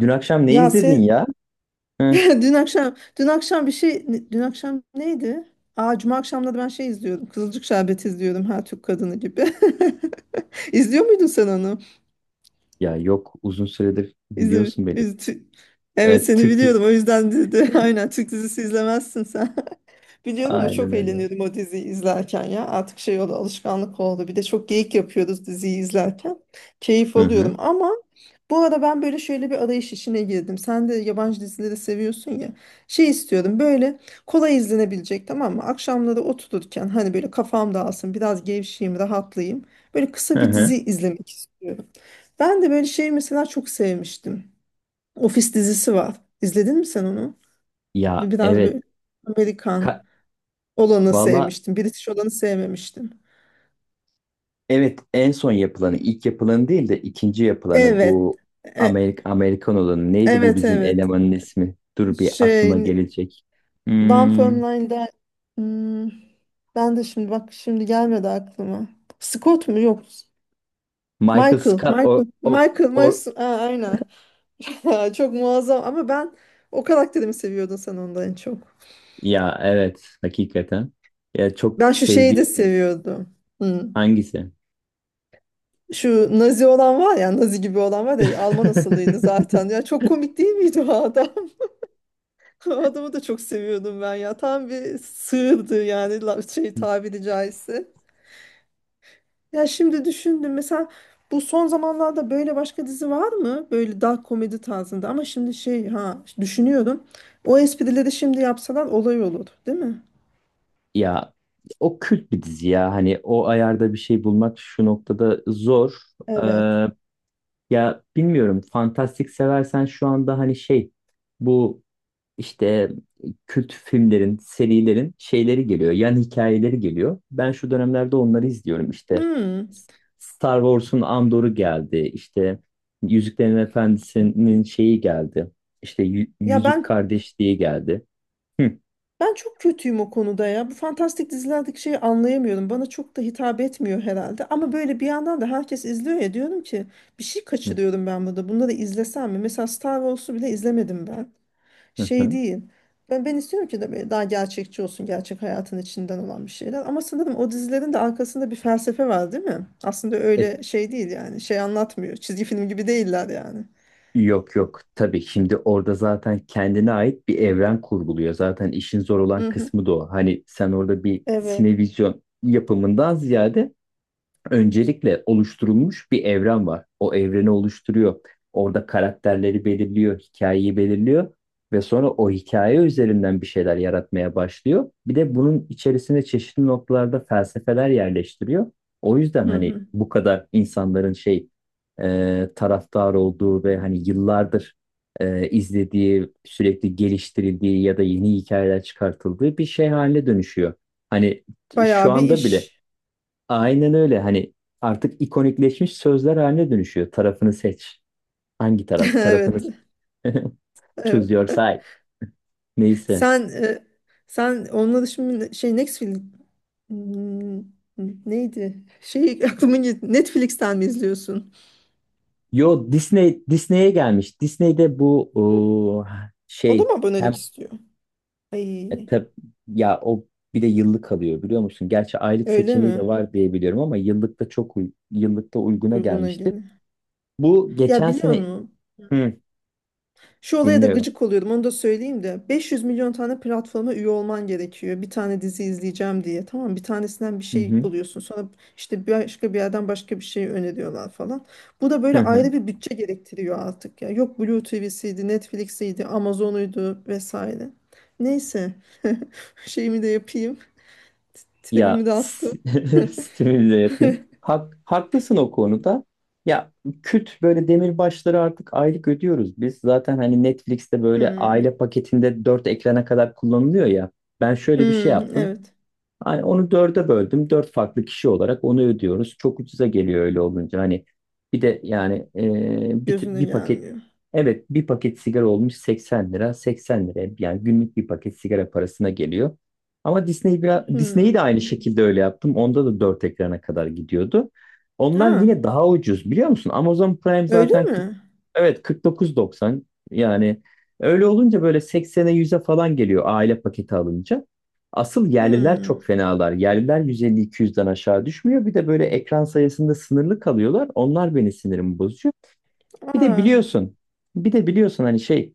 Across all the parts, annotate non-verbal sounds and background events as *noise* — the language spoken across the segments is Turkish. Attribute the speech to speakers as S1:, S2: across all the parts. S1: Dün akşam ne
S2: Ya
S1: izledin
S2: siz,
S1: ya?
S2: *laughs*
S1: Hı.
S2: dün akşam bir şey, dün akşam neydi? Aa, Cuma akşamları ben şey izliyordum. Kızılcık Şerbeti izliyordum her Türk kadını gibi. *laughs* İzliyor muydun sen onu?
S1: Ya yok uzun süredir
S2: İzle,
S1: biliyorsun beni.
S2: iz- tü- evet,
S1: E,
S2: seni
S1: Türk
S2: biliyorum
S1: dizisi.
S2: o yüzden dedi. *laughs* Aynen, Türk dizisi izlemezsin. Biliyorum ama
S1: Aynen
S2: çok
S1: öyle.
S2: eğleniyordum o diziyi izlerken ya. Artık şey oldu, alışkanlık oldu. Bir de çok geyik yapıyoruz diziyi izlerken. Keyif
S1: Hı
S2: alıyorum
S1: hı.
S2: ama bu arada ben böyle şöyle bir arayış işine girdim. Sen de yabancı dizileri seviyorsun ya. Şey istiyorum, böyle kolay izlenebilecek, tamam mı? Akşamları otururken hani böyle kafam dağılsın, biraz gevşeyim, rahatlayayım. Böyle
S1: Hı
S2: kısa bir
S1: hı.
S2: dizi izlemek istiyorum. Ben de böyle şey mesela çok sevmiştim. Ofis dizisi var. İzledin mi sen onu?
S1: Ya
S2: Biraz
S1: evet.
S2: böyle Amerikan
S1: Ka-
S2: olanı
S1: Valla
S2: sevmiştim. British olanı sevmemiştim.
S1: evet, en son yapılanı ilk yapılanı değil de ikinci yapılanı
S2: Evet.
S1: bu.
S2: E-
S1: Amerikan olanı neydi, bu
S2: evet,
S1: bizim
S2: evet.
S1: elemanın ismi? Dur bir
S2: Şey,
S1: aklıma gelecek. Hmm,
S2: Dunfermline'da, hmm, ben de şimdi bak, şimdi gelmedi aklıma. Scott mu? Yok.
S1: Michael
S2: Michael.
S1: Scott, o,
S2: Michael.
S1: o,
S2: Michael.
S1: o
S2: Aa, aynen. *laughs* Çok muazzam ama ben o karakterimi seviyordun sen ondan en çok.
S1: Ya evet, hakikaten. Ya çok
S2: Ben şu şeyi de
S1: sevdiğim
S2: seviyordum. Hmm.
S1: hangisi?
S2: Şu Nazi olan var ya, Nazi gibi olan var ya, Alman asıllıydı zaten. Ya
S1: *laughs*
S2: çok komik değil miydi o adam? *laughs* O adamı da çok seviyordum ben ya. Tam bir sığırdı yani, şey, tabiri caizse. Ya şimdi düşündüm mesela, bu son zamanlarda böyle başka dizi var mı? Böyle dark komedi tarzında, ama şimdi şey, ha, düşünüyorum. O esprileri şimdi yapsalar olay olur, değil mi?
S1: Ya o kült bir dizi ya. Hani o ayarda bir şey bulmak şu noktada zor. Ee,
S2: Evet.
S1: ya bilmiyorum. Fantastik seversen şu anda hani şey, bu işte kült filmlerin, serilerin şeyleri geliyor. Yan hikayeleri geliyor. Ben şu dönemlerde onları izliyorum işte.
S2: Hmm.
S1: Star Wars'un Andor'u geldi. İşte Yüzüklerin Efendisi'nin şeyi geldi. İşte
S2: Ya
S1: Yüzük
S2: ben
S1: Kardeşliği geldi. Hı
S2: Ben çok kötüyüm o konuda ya. Bu fantastik dizilerdeki şeyi anlayamıyorum. Bana çok da hitap etmiyor herhalde. Ama böyle bir yandan da herkes izliyor ya, diyorum ki bir şey
S1: hı
S2: kaçırıyorum ben burada. Bunları izlesem mi? Mesela Star Wars'u bile izlemedim ben.
S1: hı.
S2: Şey
S1: Hı.
S2: değil. Ben istiyorum ki de böyle daha gerçekçi olsun. Gerçek hayatın içinden olan bir şeyler. Ama sanırım o dizilerin de arkasında bir felsefe var, değil mi? Aslında
S1: E,
S2: öyle şey değil yani. Şey anlatmıyor. Çizgi film gibi değiller yani.
S1: Yok yok, tabii, şimdi orada zaten kendine ait bir evren kurguluyor. Zaten işin zor olan
S2: Hı hı.
S1: kısmı da o. Hani sen orada bir
S2: Evet.
S1: sinevizyon yapımından ziyade öncelikle oluşturulmuş bir evren var. O evreni oluşturuyor. Orada karakterleri belirliyor, hikayeyi belirliyor ve sonra o hikaye üzerinden bir şeyler yaratmaya başlıyor. Bir de bunun içerisine çeşitli noktalarda felsefeler yerleştiriyor. O yüzden
S2: Hı
S1: hani
S2: hı.
S1: bu kadar insanların şey, taraftar olduğu ve hani yıllardır izlediği, sürekli geliştirildiği ya da yeni hikayeler çıkartıldığı bir şey haline dönüşüyor. Hani şu
S2: Bayağı bir
S1: anda bile.
S2: iş.
S1: Aynen öyle. Hani artık ikonikleşmiş sözler haline dönüşüyor. Tarafını seç. Hangi taraf? Tarafını
S2: *laughs* Evet.
S1: *laughs* choose
S2: Evet.
S1: your side. Neyse.
S2: Sen e, sen onunla da şimdi şey Netflix, Hmm, neydi? Şey *laughs* aklıma gitti. Netflix'ten mi izliyorsun?
S1: Yo, Disney'e gelmiş. Disney'de bu o,
S2: O da
S1: şey
S2: mı
S1: hem
S2: abonelik istiyor?
S1: e,
S2: Ay,
S1: tab- ya o, bir de yıllık alıyor biliyor musun? Gerçi aylık
S2: öyle
S1: seçeneği
S2: mi?
S1: de var diye biliyorum ama yıllıkta çok yıllıkta uyguna
S2: Uyguna
S1: gelmişti.
S2: göre.
S1: Bu
S2: Ya
S1: geçen
S2: biliyor
S1: sene.
S2: musun?
S1: Hı,
S2: Şu olaya da
S1: dinliyorum.
S2: gıcık oluyordum, onu da söyleyeyim de, 500 milyon tane platforma üye olman gerekiyor bir tane dizi izleyeceğim diye. Tamam, bir tanesinden bir
S1: Hı
S2: şey
S1: hı.
S2: buluyorsun, sonra işte başka bir yerden başka bir şey öneriyorlar falan. Bu da böyle ayrı
S1: *laughs*
S2: bir bütçe gerektiriyor artık ya, yok Blue TV'siydi, Netflix'iydi, Amazon'uydu vesaire. Neyse, *laughs* şeyimi de yapayım,
S1: Ya
S2: tribimi de
S1: s-
S2: attım.
S1: *laughs* stimüle yapayım. Haklısın o konuda. Ya küt böyle demirbaşları artık aylık ödüyoruz biz. Zaten hani Netflix'te böyle
S2: Hmm.
S1: aile paketinde 4 ekrana kadar kullanılıyor ya. Ben şöyle bir şey
S2: Hmm,
S1: yaptım.
S2: evet,
S1: Hani onu dörde böldüm. Dört farklı kişi olarak onu ödüyoruz. Çok ucuza geliyor öyle olunca. Hani bir de yani, bir,
S2: gözüne
S1: bir paket,
S2: gelmiyor.
S1: evet, bir paket sigara olmuş 80 lira. 80 lira yani, günlük bir paket sigara parasına geliyor. Ama Disney biraz, Disney'i
S2: Hmm.
S1: de aynı şekilde öyle yaptım. Onda da dört ekrana kadar gidiyordu. Onlar
S2: Aa,
S1: yine daha ucuz, biliyor musun? Amazon Prime
S2: öyle
S1: zaten 40,
S2: mi?
S1: evet 49,90, yani öyle olunca böyle 80'e 100'e falan geliyor aile paketi alınca. Asıl yerliler
S2: Hmm.
S1: çok fenalar. Yerliler 150-200'den aşağı düşmüyor. Bir de böyle ekran sayısında sınırlı kalıyorlar. Onlar beni sinirimi bozuyor. Bir de
S2: Aa.
S1: biliyorsun, bir de biliyorsun hani şey,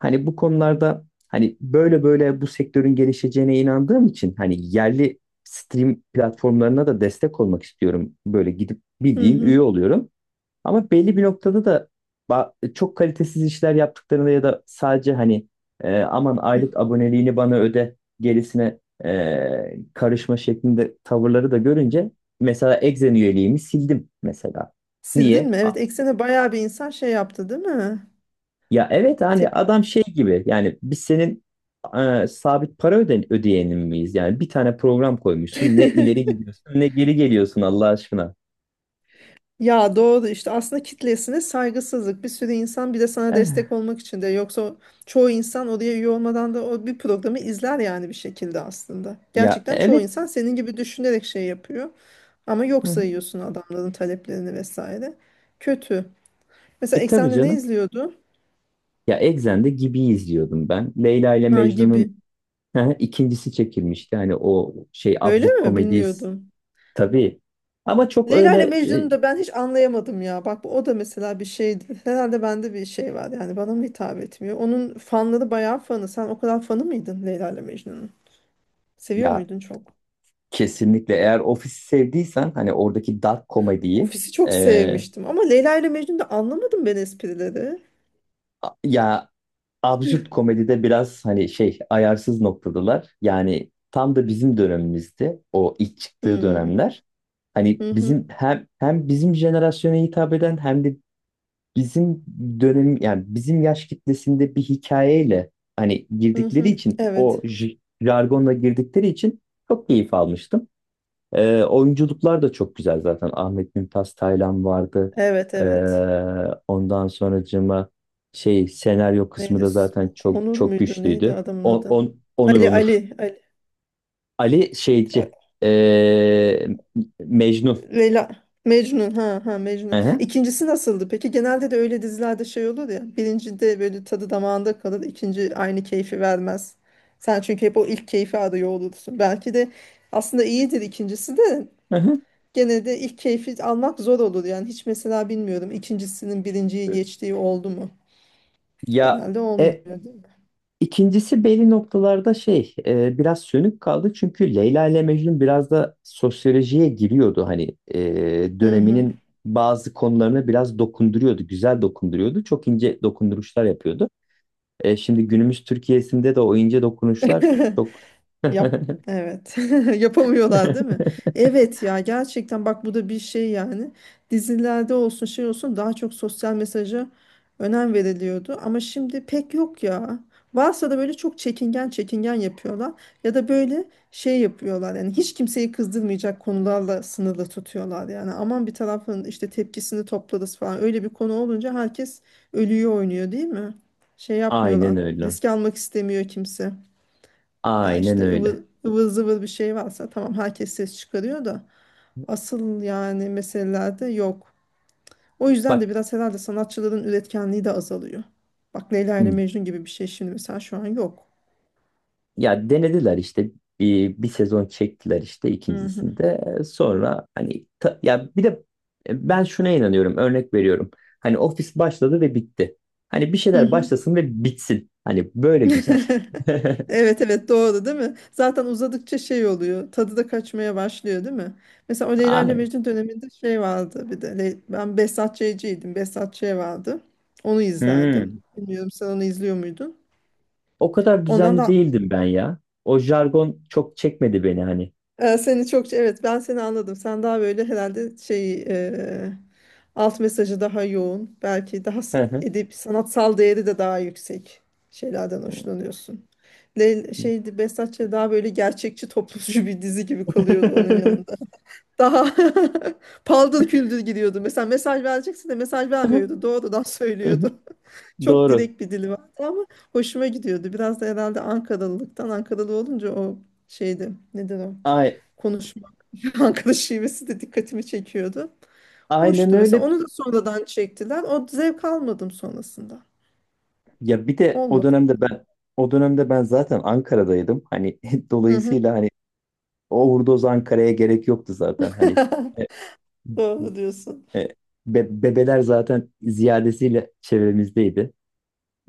S1: hani bu konularda hani böyle böyle bu sektörün gelişeceğine inandığım için hani yerli stream platformlarına da destek olmak istiyorum. Böyle gidip
S2: Hı
S1: bildiğim
S2: hı.
S1: üye oluyorum. Ama belli bir noktada da çok kalitesiz işler yaptıklarında ya da sadece hani aman aylık aboneliğini bana öde, gerisine karışma şeklinde tavırları da görünce, mesela Exen üyeliğimi sildim mesela.
S2: Sildin
S1: Niye?
S2: mi? Evet, Eksen'e bayağı bir insan şey yaptı, değil mi?
S1: Ya evet, hani
S2: Tep-
S1: adam şey gibi yani, biz senin sabit para ödeyenin miyiz? Yani bir tane program koymuşsun, ne
S2: *laughs*
S1: ileri gidiyorsun ne geri geliyorsun, Allah aşkına.
S2: Ya doğru, işte aslında kitlesine saygısızlık. Bir sürü insan bir de sana destek
S1: Eh.
S2: olmak için de, yoksa çoğu insan oraya üye olmadan da o bir programı izler yani, bir şekilde aslında.
S1: Ya
S2: Gerçekten çoğu
S1: evet.
S2: insan senin gibi düşünerek şey yapıyor. Ama yok
S1: Hı hı.
S2: sayıyorsun adamların taleplerini vesaire. Kötü. Mesela
S1: E, tabii
S2: Eksen'de ne
S1: canım.
S2: izliyordu?
S1: Ya Exxen'de Gibi izliyordum ben. Leyla ile
S2: Ha,
S1: Mecnun'un
S2: Gibi.
S1: *laughs* ikincisi çekilmişti. Hani o şey
S2: Öyle
S1: absürt
S2: mi?
S1: komediyiz,
S2: Bilmiyordum.
S1: tabii. Ama çok
S2: Leyla ile
S1: öyle,
S2: Mecnun'u da ben hiç anlayamadım ya. Bak, o da mesela bir şeydi. Herhalde bende bir şey var, yani bana mı hitap etmiyor? Onun fanları bayağı fanı. Sen o kadar fanı mıydın Leyla ile Mecnun'un? Seviyor
S1: ya
S2: muydun çok?
S1: kesinlikle, eğer ofisi sevdiysen hani oradaki dark komediyi,
S2: Ofisi
S1: e,
S2: çok sevmiştim ama Leyla ile Mecnun'da anlamadım ben esprileri.
S1: ya absürt
S2: *laughs*
S1: komedide biraz hani şey ayarsız noktadalar. Yani tam da bizim dönemimizdi o ilk çıktığı
S2: Hmm.
S1: dönemler. Hani
S2: Hı hı.
S1: bizim hem bizim jenerasyona hitap eden, hem de bizim dönem, yani bizim yaş kitlesinde bir hikayeyle hani
S2: Hı
S1: girdikleri
S2: hı.
S1: için,
S2: Evet.
S1: o jargonla girdikleri için çok keyif almıştım. Oyunculuklar da çok güzel zaten. Ahmet Mümtaz Taylan vardı.
S2: Evet, evet.
S1: Ee, ondan sonracığıma, şey, senaryo kısmı
S2: Neydi?
S1: da zaten çok
S2: Onur
S1: çok
S2: muydu? Neydi
S1: güçlüydü.
S2: adamın
S1: On,
S2: adı?
S1: on, Onur
S2: Ali.
S1: Onur.
S2: Ali.
S1: Ali
S2: Ali.
S1: şeyci, ee, Mecnun.
S2: Leyla, Mecnun, ha, ha,
S1: Hı
S2: Mecnun.
S1: hı,
S2: İkincisi nasıldı? Peki, genelde de öyle dizilerde şey olur ya. Birincide böyle tadı damağında kalır, ikinci aynı keyfi vermez. Sen çünkü hep o ilk keyfi arıyor olursun. Belki de aslında iyidir ikincisi de,
S1: hı hı.
S2: gene de ilk keyfi almak zor olur yani. Hiç mesela, bilmiyorum, ikincisinin birinciyi geçtiği oldu mu?
S1: Ya,
S2: Genelde olmuyor,
S1: e,
S2: değil mi?
S1: İkincisi belli noktalarda şey, biraz sönük kaldı çünkü Leyla ile Mecnun biraz da sosyolojiye giriyordu hani,
S2: Hı hı.
S1: döneminin bazı konularını biraz dokunduruyordu, güzel dokunduruyordu, çok ince dokunduruşlar yapıyordu. Şimdi günümüz Türkiye'sinde de o ince dokunuşlar
S2: *laughs*
S1: çok.
S2: Yap, evet. *laughs* Yapamıyorlar değil mi?
S1: *laughs*
S2: Evet ya, gerçekten bak bu da bir şey yani. Dizilerde olsun şey olsun daha çok sosyal mesaja önem veriliyordu ama şimdi pek yok ya. Varsa da böyle çok çekingen çekingen yapıyorlar, ya da böyle şey yapıyorlar yani, hiç kimseyi kızdırmayacak konularla sınırlı tutuyorlar. Yani, aman bir tarafın işte tepkisini toplarız falan, öyle bir konu olunca herkes ölüyor, oynuyor, değil mi? Şey
S1: Aynen
S2: yapmıyorlar,
S1: öyle,
S2: riske almak istemiyor kimse. Ya
S1: aynen
S2: işte
S1: öyle,
S2: ıvır, ıvır zıvır bir şey varsa tamam, herkes ses çıkarıyor da asıl yani meselelerde yok. O yüzden de
S1: bak.
S2: biraz herhalde sanatçıların üretkenliği de azalıyor. Bak, Leyla ile Mecnun gibi bir şey şimdi mesela şu an yok.
S1: Ya denediler işte, bir sezon çektiler işte
S2: Hı hı.
S1: ikincisinde, sonra hani ya bir de ben şuna inanıyorum, örnek veriyorum, hani ofis başladı ve bitti. Hani bir
S2: Hı
S1: şeyler
S2: hı.
S1: başlasın ve bitsin, hani böyle güzel.
S2: *laughs*
S1: *laughs*
S2: Evet, evet, doğru değil mi? Zaten uzadıkça şey oluyor. Tadı da kaçmaya başlıyor, değil mi? Mesela o Leyla ile
S1: Aynen.
S2: Mecnun döneminde şey vardı bir de. Ben Behzat Ç'ciydim. Behzat Ç vardı. Onu izlerdim.
S1: Hmm.
S2: Bilmiyorum, sen onu izliyor muydun?
S1: O kadar
S2: Ondan
S1: düzenli
S2: da
S1: değildim ben ya, o jargon çok çekmedi beni hani.
S2: Seni çok, evet, ben seni anladım. Sen daha böyle herhalde şey, alt mesajı daha yoğun. Belki daha
S1: Hı hı.
S2: edip sanatsal değeri de daha yüksek şeylerden hoşlanıyorsun. Şeydi, Behzatçı daha böyle gerçekçi, toplumcu *laughs* bir dizi gibi kalıyordu onun yanında. Daha *laughs* paldır küldür gidiyordu. Mesela mesaj verecekse de mesaj vermiyordu, doğrudan söylüyordu. *laughs*
S1: *laughs*
S2: Çok
S1: Doğru.
S2: direkt bir dili vardı ama hoşuma gidiyordu. Biraz da herhalde Ankaralılıktan, Ankaralı olunca o şeydi. Nedir o?
S1: Ay,
S2: Konuşma, *laughs* arkadaş şivesi de dikkatimi çekiyordu.
S1: aynen
S2: Hoştu mesela.
S1: öyle.
S2: Onu da sonradan çektiler. O zevk almadım sonrasında.
S1: Ya bir de o
S2: Olmadı.
S1: dönemde ben O dönemde ben zaten Ankara'daydım. Hani *laughs*
S2: Hı hı.
S1: dolayısıyla hani o Uğurdoz Ankara'ya gerek yoktu zaten. Hani e,
S2: *laughs* Doğru diyorsun.
S1: e, bebeler zaten ziyadesiyle çevremizdeydi.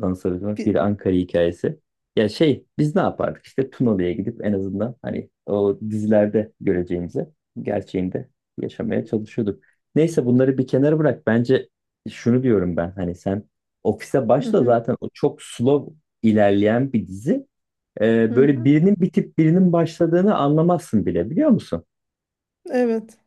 S1: Dans Arıtmak
S2: Bir,
S1: bir Ankara hikayesi. Ya şey, biz ne yapardık, İşte Tunalı'ya gidip en azından hani o dizilerde göreceğimizi gerçeğinde yaşamaya çalışıyorduk. Neyse, bunları bir kenara bırak. Bence şunu diyorum ben, hani sen ofise
S2: hı
S1: başla,
S2: hı,
S1: zaten o çok slow ilerleyen bir dizi.
S2: hı
S1: Böyle
S2: hı.
S1: birinin bitip birinin başladığını anlamazsın bile, biliyor musun?
S2: Evet.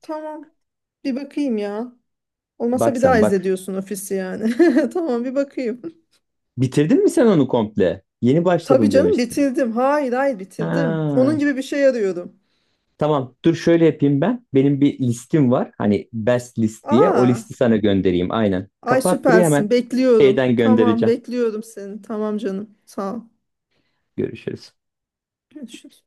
S2: Tamam. Bir bakayım ya.
S1: Bak
S2: Olmasa bir daha
S1: sen,
S2: izle
S1: bak.
S2: diyorsun Ofis'i yani. *laughs* Tamam, bir bakayım.
S1: Bitirdin mi sen onu komple? Yeni
S2: Tabii
S1: başladım
S2: canım,
S1: demiştin.
S2: bitirdim. Hayır, hayır, bitirdim. Onun
S1: Ha.
S2: gibi bir şey arıyorum.
S1: Tamam, dur şöyle yapayım ben. Benim bir listim var. Hani best list diye. O
S2: Aa,
S1: listi sana göndereyim aynen.
S2: ay,
S1: Kapat buraya hemen,
S2: süpersin. Bekliyorum.
S1: şeyden
S2: Tamam,
S1: göndereceğim.
S2: bekliyorum seni. Tamam canım. Sağ ol.
S1: Görüşürüz.
S2: Görüşürüz.